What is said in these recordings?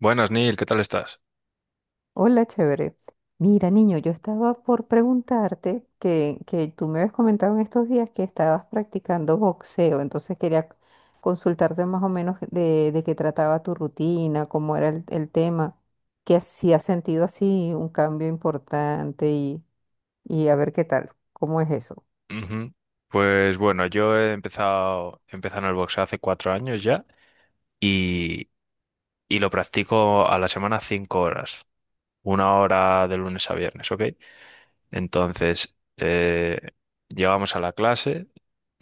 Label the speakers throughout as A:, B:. A: Buenas, Neil, ¿qué tal estás?
B: Hola, chévere. Mira, niño, yo estaba por preguntarte que tú me habías comentado en estos días que estabas practicando boxeo, entonces quería consultarte más o menos de qué trataba tu rutina, cómo era el tema, que si has sentido así un cambio importante y a ver qué tal, cómo es eso.
A: Ujú. Pues bueno, yo he empezado en el boxeo hace 4 años ya y, y lo practico a la semana 5 horas, 1 hora de lunes a viernes, ¿ok? Entonces, llegamos a la clase,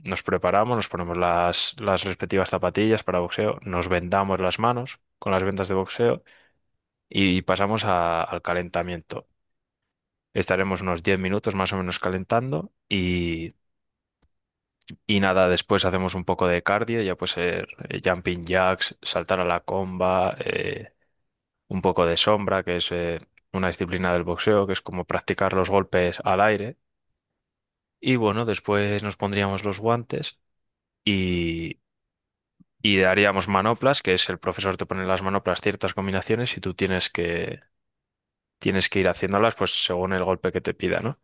A: nos preparamos, nos ponemos las respectivas zapatillas para boxeo, nos vendamos las manos con las vendas de boxeo y pasamos al calentamiento. Estaremos unos 10 minutos más o menos calentando. Y nada, después hacemos un poco de cardio, ya puede ser jumping jacks, saltar a la comba, un poco de sombra, que es una disciplina del boxeo, que es como practicar los golpes al aire. Y bueno, después nos pondríamos los guantes y, y daríamos manoplas, que es el profesor te pone en las manoplas ciertas combinaciones y tú tienes que ir haciéndolas pues según el golpe que te pida, ¿no?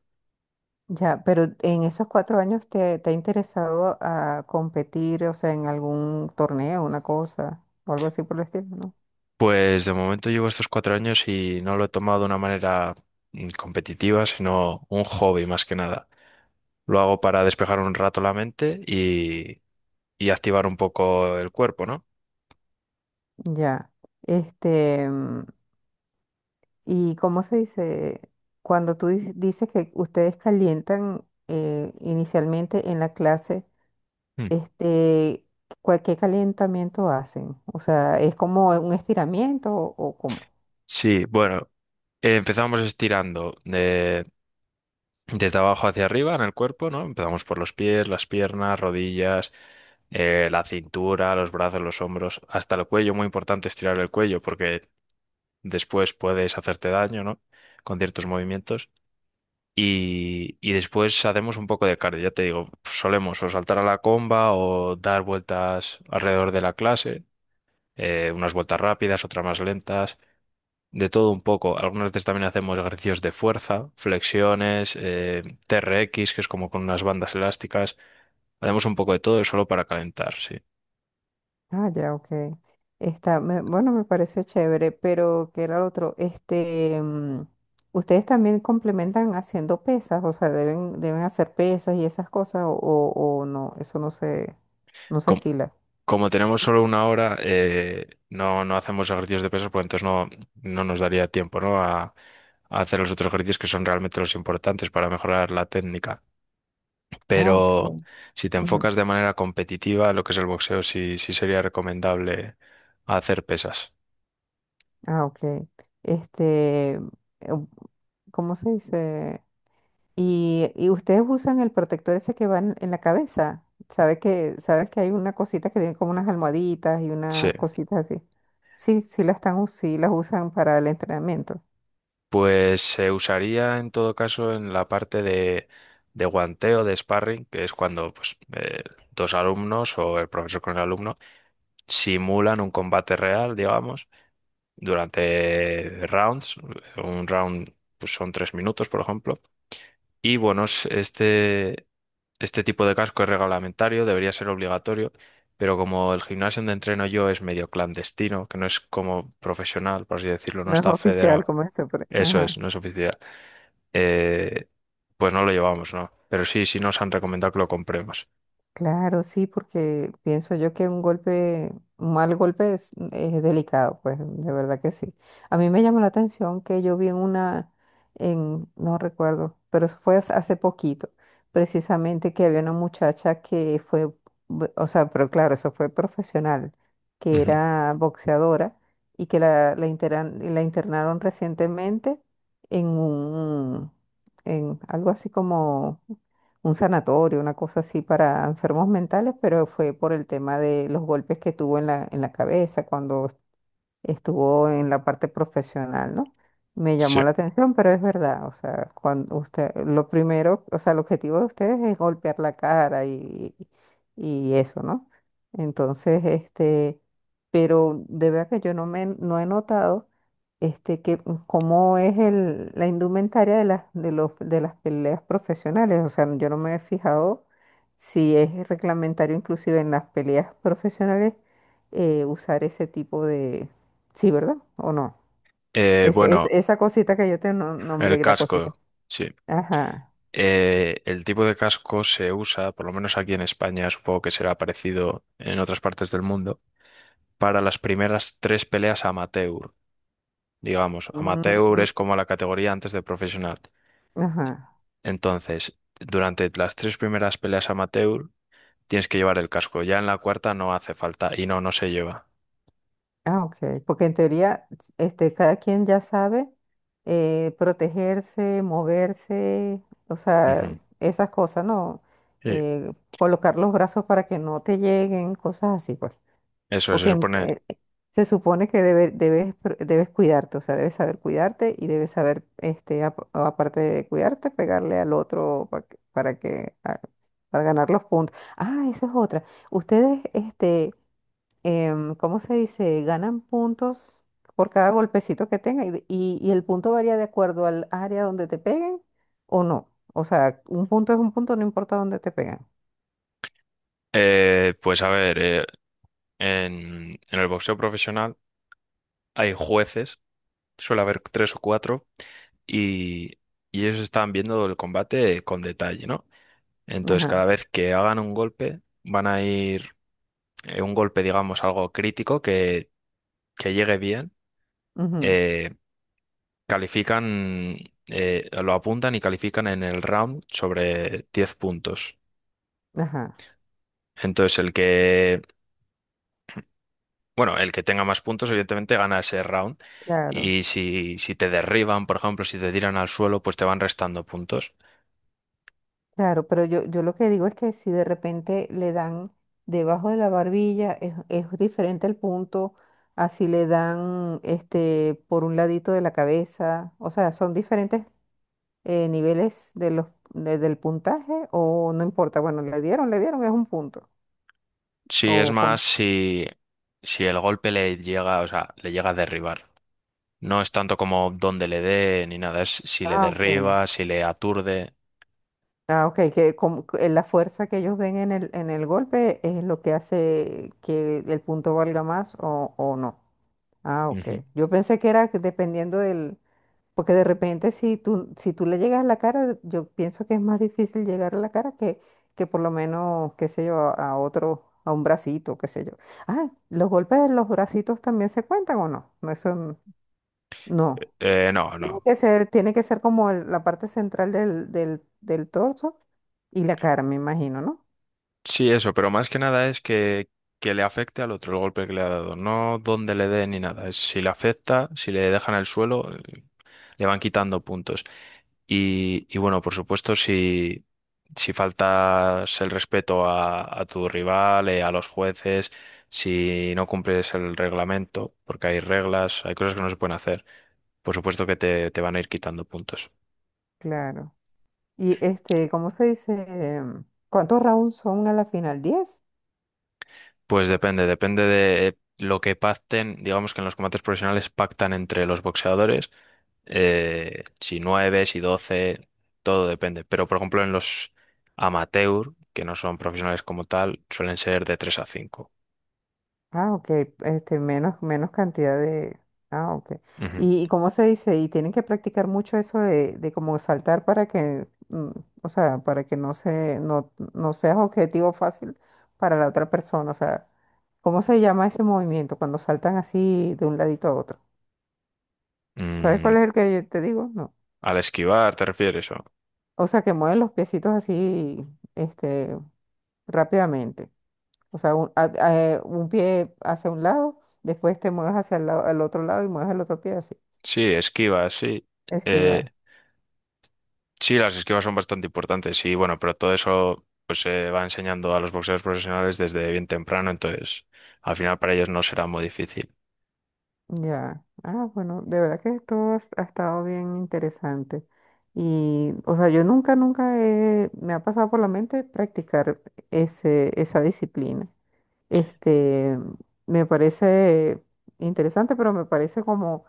B: Ya, pero en esos 4 años te ha interesado a competir, o sea, en algún torneo, una cosa, o algo así por el estilo, ¿no?
A: Pues de momento llevo estos 4 años y no lo he tomado de una manera competitiva, sino un hobby más que nada. Lo hago para despejar un rato la mente y activar un poco el cuerpo, ¿no?
B: Ya, este, y ¿cómo se dice? Cuando tú dices que ustedes calientan inicialmente en la clase,
A: Mm.
B: este, ¿qué calentamiento hacen? O sea, ¿es como un estiramiento o cómo?
A: Sí, bueno, empezamos estirando desde abajo hacia arriba en el cuerpo, ¿no? Empezamos por los pies, las piernas, rodillas, la cintura, los brazos, los hombros, hasta el cuello. Muy importante estirar el cuello porque después puedes hacerte daño, ¿no? Con ciertos movimientos. Y después hacemos un poco de cardio. Ya te digo, solemos o saltar a la comba o dar vueltas alrededor de la clase, unas vueltas rápidas, otras más lentas, de todo un poco. Algunas veces también hacemos ejercicios de fuerza, flexiones, TRX, que es como con unas bandas elásticas. Hacemos un poco de todo solo para calentar, sí.
B: Ah, ya, ok. Bueno, me parece chévere, pero ¿qué era lo otro? Este, ustedes también complementan haciendo pesas, o sea, deben hacer pesas y esas cosas, o no, eso no se, no se
A: Com-
B: estila.
A: Como tenemos solo una hora, no hacemos ejercicios de pesas, pues entonces no nos daría tiempo, ¿no?, a hacer los otros ejercicios que son realmente los importantes para mejorar la técnica.
B: Ah, ok.
A: Pero si te
B: Ujú.
A: enfocas de manera competitiva, lo que es el boxeo, sí, sí sería recomendable hacer pesas.
B: Ah, ok. Este, em, ¿cómo se dice? Y ustedes usan el protector ese que va en la cabeza. ¿Sabes que hay una cosita que tiene como unas almohaditas y
A: Sí,
B: unas cositas así? Sí, sí las usan para el entrenamiento.
A: pues se usaría en todo caso en la parte de guanteo, de sparring, que es cuando pues, dos alumnos o el profesor con el alumno simulan un combate real, digamos, durante rounds. Un round pues, son 3 minutos, por ejemplo. Y bueno, este tipo de casco es reglamentario, debería ser obligatorio, pero como el gimnasio donde entreno yo es medio clandestino, que no es como profesional, por así decirlo, no
B: No es
A: está
B: oficial
A: federado,
B: como eso, pero,
A: eso es,
B: ajá.
A: no es oficial, eh, pues no lo llevamos, ¿no? Pero sí, sí nos han recomendado que lo compremos.
B: Claro, sí, porque pienso yo que un mal golpe es delicado, pues de verdad que sí. A mí me llamó la atención que yo vi en, no recuerdo, pero eso fue hace poquito, precisamente que había una muchacha que o sea, pero claro, eso fue profesional, que
A: Ujú.
B: era boxeadora y que la internaron recientemente en un, en algo así como un sanatorio, una cosa así para enfermos mentales, pero fue por el tema de los golpes que tuvo en la cabeza cuando estuvo en la parte profesional, ¿no? Me
A: Sí.
B: llamó la atención, pero es verdad, o sea, cuando usted, lo primero, o sea, el objetivo de ustedes es golpear la cara y eso, ¿no? Entonces, este, pero de verdad que yo no he notado este que, cómo es la indumentaria de las peleas profesionales. O sea, yo no me he fijado si es reglamentario inclusive en las peleas profesionales usar ese tipo de... Sí, ¿verdad? ¿O no?
A: Eh, bueno,
B: Esa cosita que yo te no-
A: el
B: nombré, la
A: casco,
B: cosita.
A: sí.
B: Ajá.
A: El tipo de casco se usa, por lo menos aquí en España, supongo que será parecido en otras partes del mundo, para las primeras tres peleas amateur. Digamos, amateur
B: Mm,
A: es como la categoría antes de profesional.
B: ajá.
A: Entonces, durante las tres primeras peleas amateur tienes que llevar el casco. Ya en la cuarta no hace falta y no, no se lleva.
B: Ah, ok. Porque en teoría, este, cada quien ya sabe protegerse, moverse, o sea,
A: Ujú.
B: esas cosas, ¿no?
A: Sí.
B: Colocar los brazos para que no te lleguen, cosas así, pues.
A: Eso se
B: Porque en-
A: supone.
B: eh, se supone que debes, debes cuidarte, o sea, debes saber cuidarte y debes saber, este, aparte de cuidarte, pegarle al otro para para ganar los puntos. Ah, esa es otra. Ustedes, este, ¿cómo se dice? Ganan puntos por cada golpecito que tenga y el punto varía de acuerdo al área donde te peguen o no. O sea, un punto es un punto, no importa dónde te pegan.
A: Pues a ver, en, el boxeo profesional hay jueces, suele haber tres o cuatro, y, y ellos están viendo el combate con detalle, ¿no? Entonces,
B: Ajá.
A: cada vez que hagan un golpe, van a ir un golpe, digamos, algo crítico que llegue bien,
B: Ujú.
A: eh, califican, lo apuntan y califican en el round sobre 10 puntos.
B: Ajá.
A: Entonces, el que, bueno, el que tenga más puntos, evidentemente, gana ese round.
B: Claro.
A: Y si te derriban, por ejemplo, si te tiran al suelo, pues te van restando puntos.
B: Claro, pero yo lo que digo es que si de repente le dan debajo de la barbilla, es diferente el punto así le dan este por un ladito de la cabeza, o sea, son diferentes niveles del puntaje, ¿o no importa? Bueno, le dieron, es un punto.
A: Si es
B: O con
A: más, si el golpe le llega, o sea, le llega a derribar. No es tanto como dónde le dé ni nada, es si le
B: Ah, ok.
A: derriba, si le aturde.
B: Ah, ok, que como que la fuerza que ellos ven en el golpe es lo que hace que el punto valga más o no. Ah, ok. Yo pensé que era que dependiendo del, porque de repente si tú le llegas a la cara, yo pienso que es más difícil llegar a la cara que por lo menos, qué sé yo, a otro, a un bracito, qué sé yo. Ah, ¿los golpes de los bracitos también se cuentan o no? No, no.
A: No, no.
B: Tiene que ser como la parte central del torso y la cara, me imagino, ¿no?
A: Sí, eso, pero más que nada es que le afecte al otro el golpe que le ha dado, no dónde le dé ni nada. Es si le afecta, si le dejan el suelo, le van quitando puntos. Y bueno, por supuesto, si faltas el respeto a tu rival, a los jueces, si no cumples el reglamento, porque hay reglas, hay cosas que no se pueden hacer, por supuesto que te van a ir quitando puntos.
B: Claro. Y este, ¿cómo se dice? Em, ¿Cuántos rounds son a la final? 10.
A: Pues depende, depende de lo que pacten. Digamos que en los combates profesionales pactan entre los boxeadores, si 9, si 12, todo depende. Pero por ejemplo en los amateur, que no son profesionales como tal, suelen ser de 3 a 5.
B: Ah, ok, este, menos cantidad de... Ah, ok.
A: Ujú.
B: ¿Y cómo se dice? Y tienen que practicar mucho eso de como saltar para o sea, para que no se, no, no seas objetivo fácil para la otra persona. O sea, ¿cómo se llama ese movimiento cuando saltan así de un ladito a otro? ¿Sabes
A: Mm,
B: cuál es el que yo te digo? No.
A: al esquivar, ¿te refieres? ¿O?
B: O sea, que mueven los piecitos así, este, rápidamente. O sea, un pie hacia un lado, después te mueves hacia el lado, al otro lado y mueves el otro pie así.
A: Sí, esquivas, sí. Eh,
B: Esquivar,
A: sí, las esquivas son bastante importantes, sí, bueno, pero todo eso pues se va enseñando a los boxeadores profesionales desde bien temprano, entonces al final para ellos no será muy difícil.
B: ya. Ah, bueno, de verdad que esto ha estado bien interesante. Y, o sea, yo nunca, nunca he- me ha pasado por la mente practicar esa disciplina. Este, me parece interesante, pero me parece como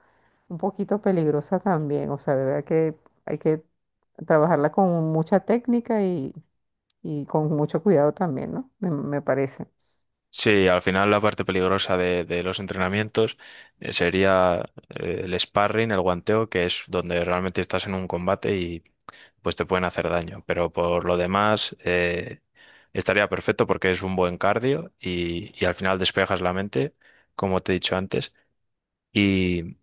B: un poquito peligrosa también. O sea, de verdad que hay que trabajarla con mucha técnica y con mucho cuidado también, ¿no? Me parece.
A: Sí, al final la parte peligrosa de los entrenamientos sería el sparring, el guanteo, que es donde realmente estás en un combate y pues te pueden hacer daño. Pero por lo demás estaría perfecto porque es un buen cardio y al final despejas la mente, como te he dicho antes. Y,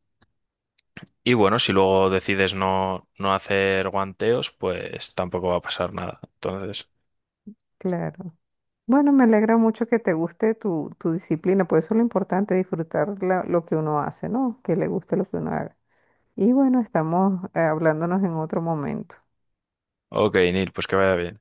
A: y bueno, si luego decides no hacer guanteos, pues tampoco va a pasar nada. Entonces,
B: Claro. Bueno, me alegra mucho que te guste tu disciplina, pues eso es lo importante, disfrutar lo que uno hace, ¿no? Que le guste lo que uno haga. Y bueno, estamos hablándonos en otro momento.
A: ok, Neil, pues que vaya bien.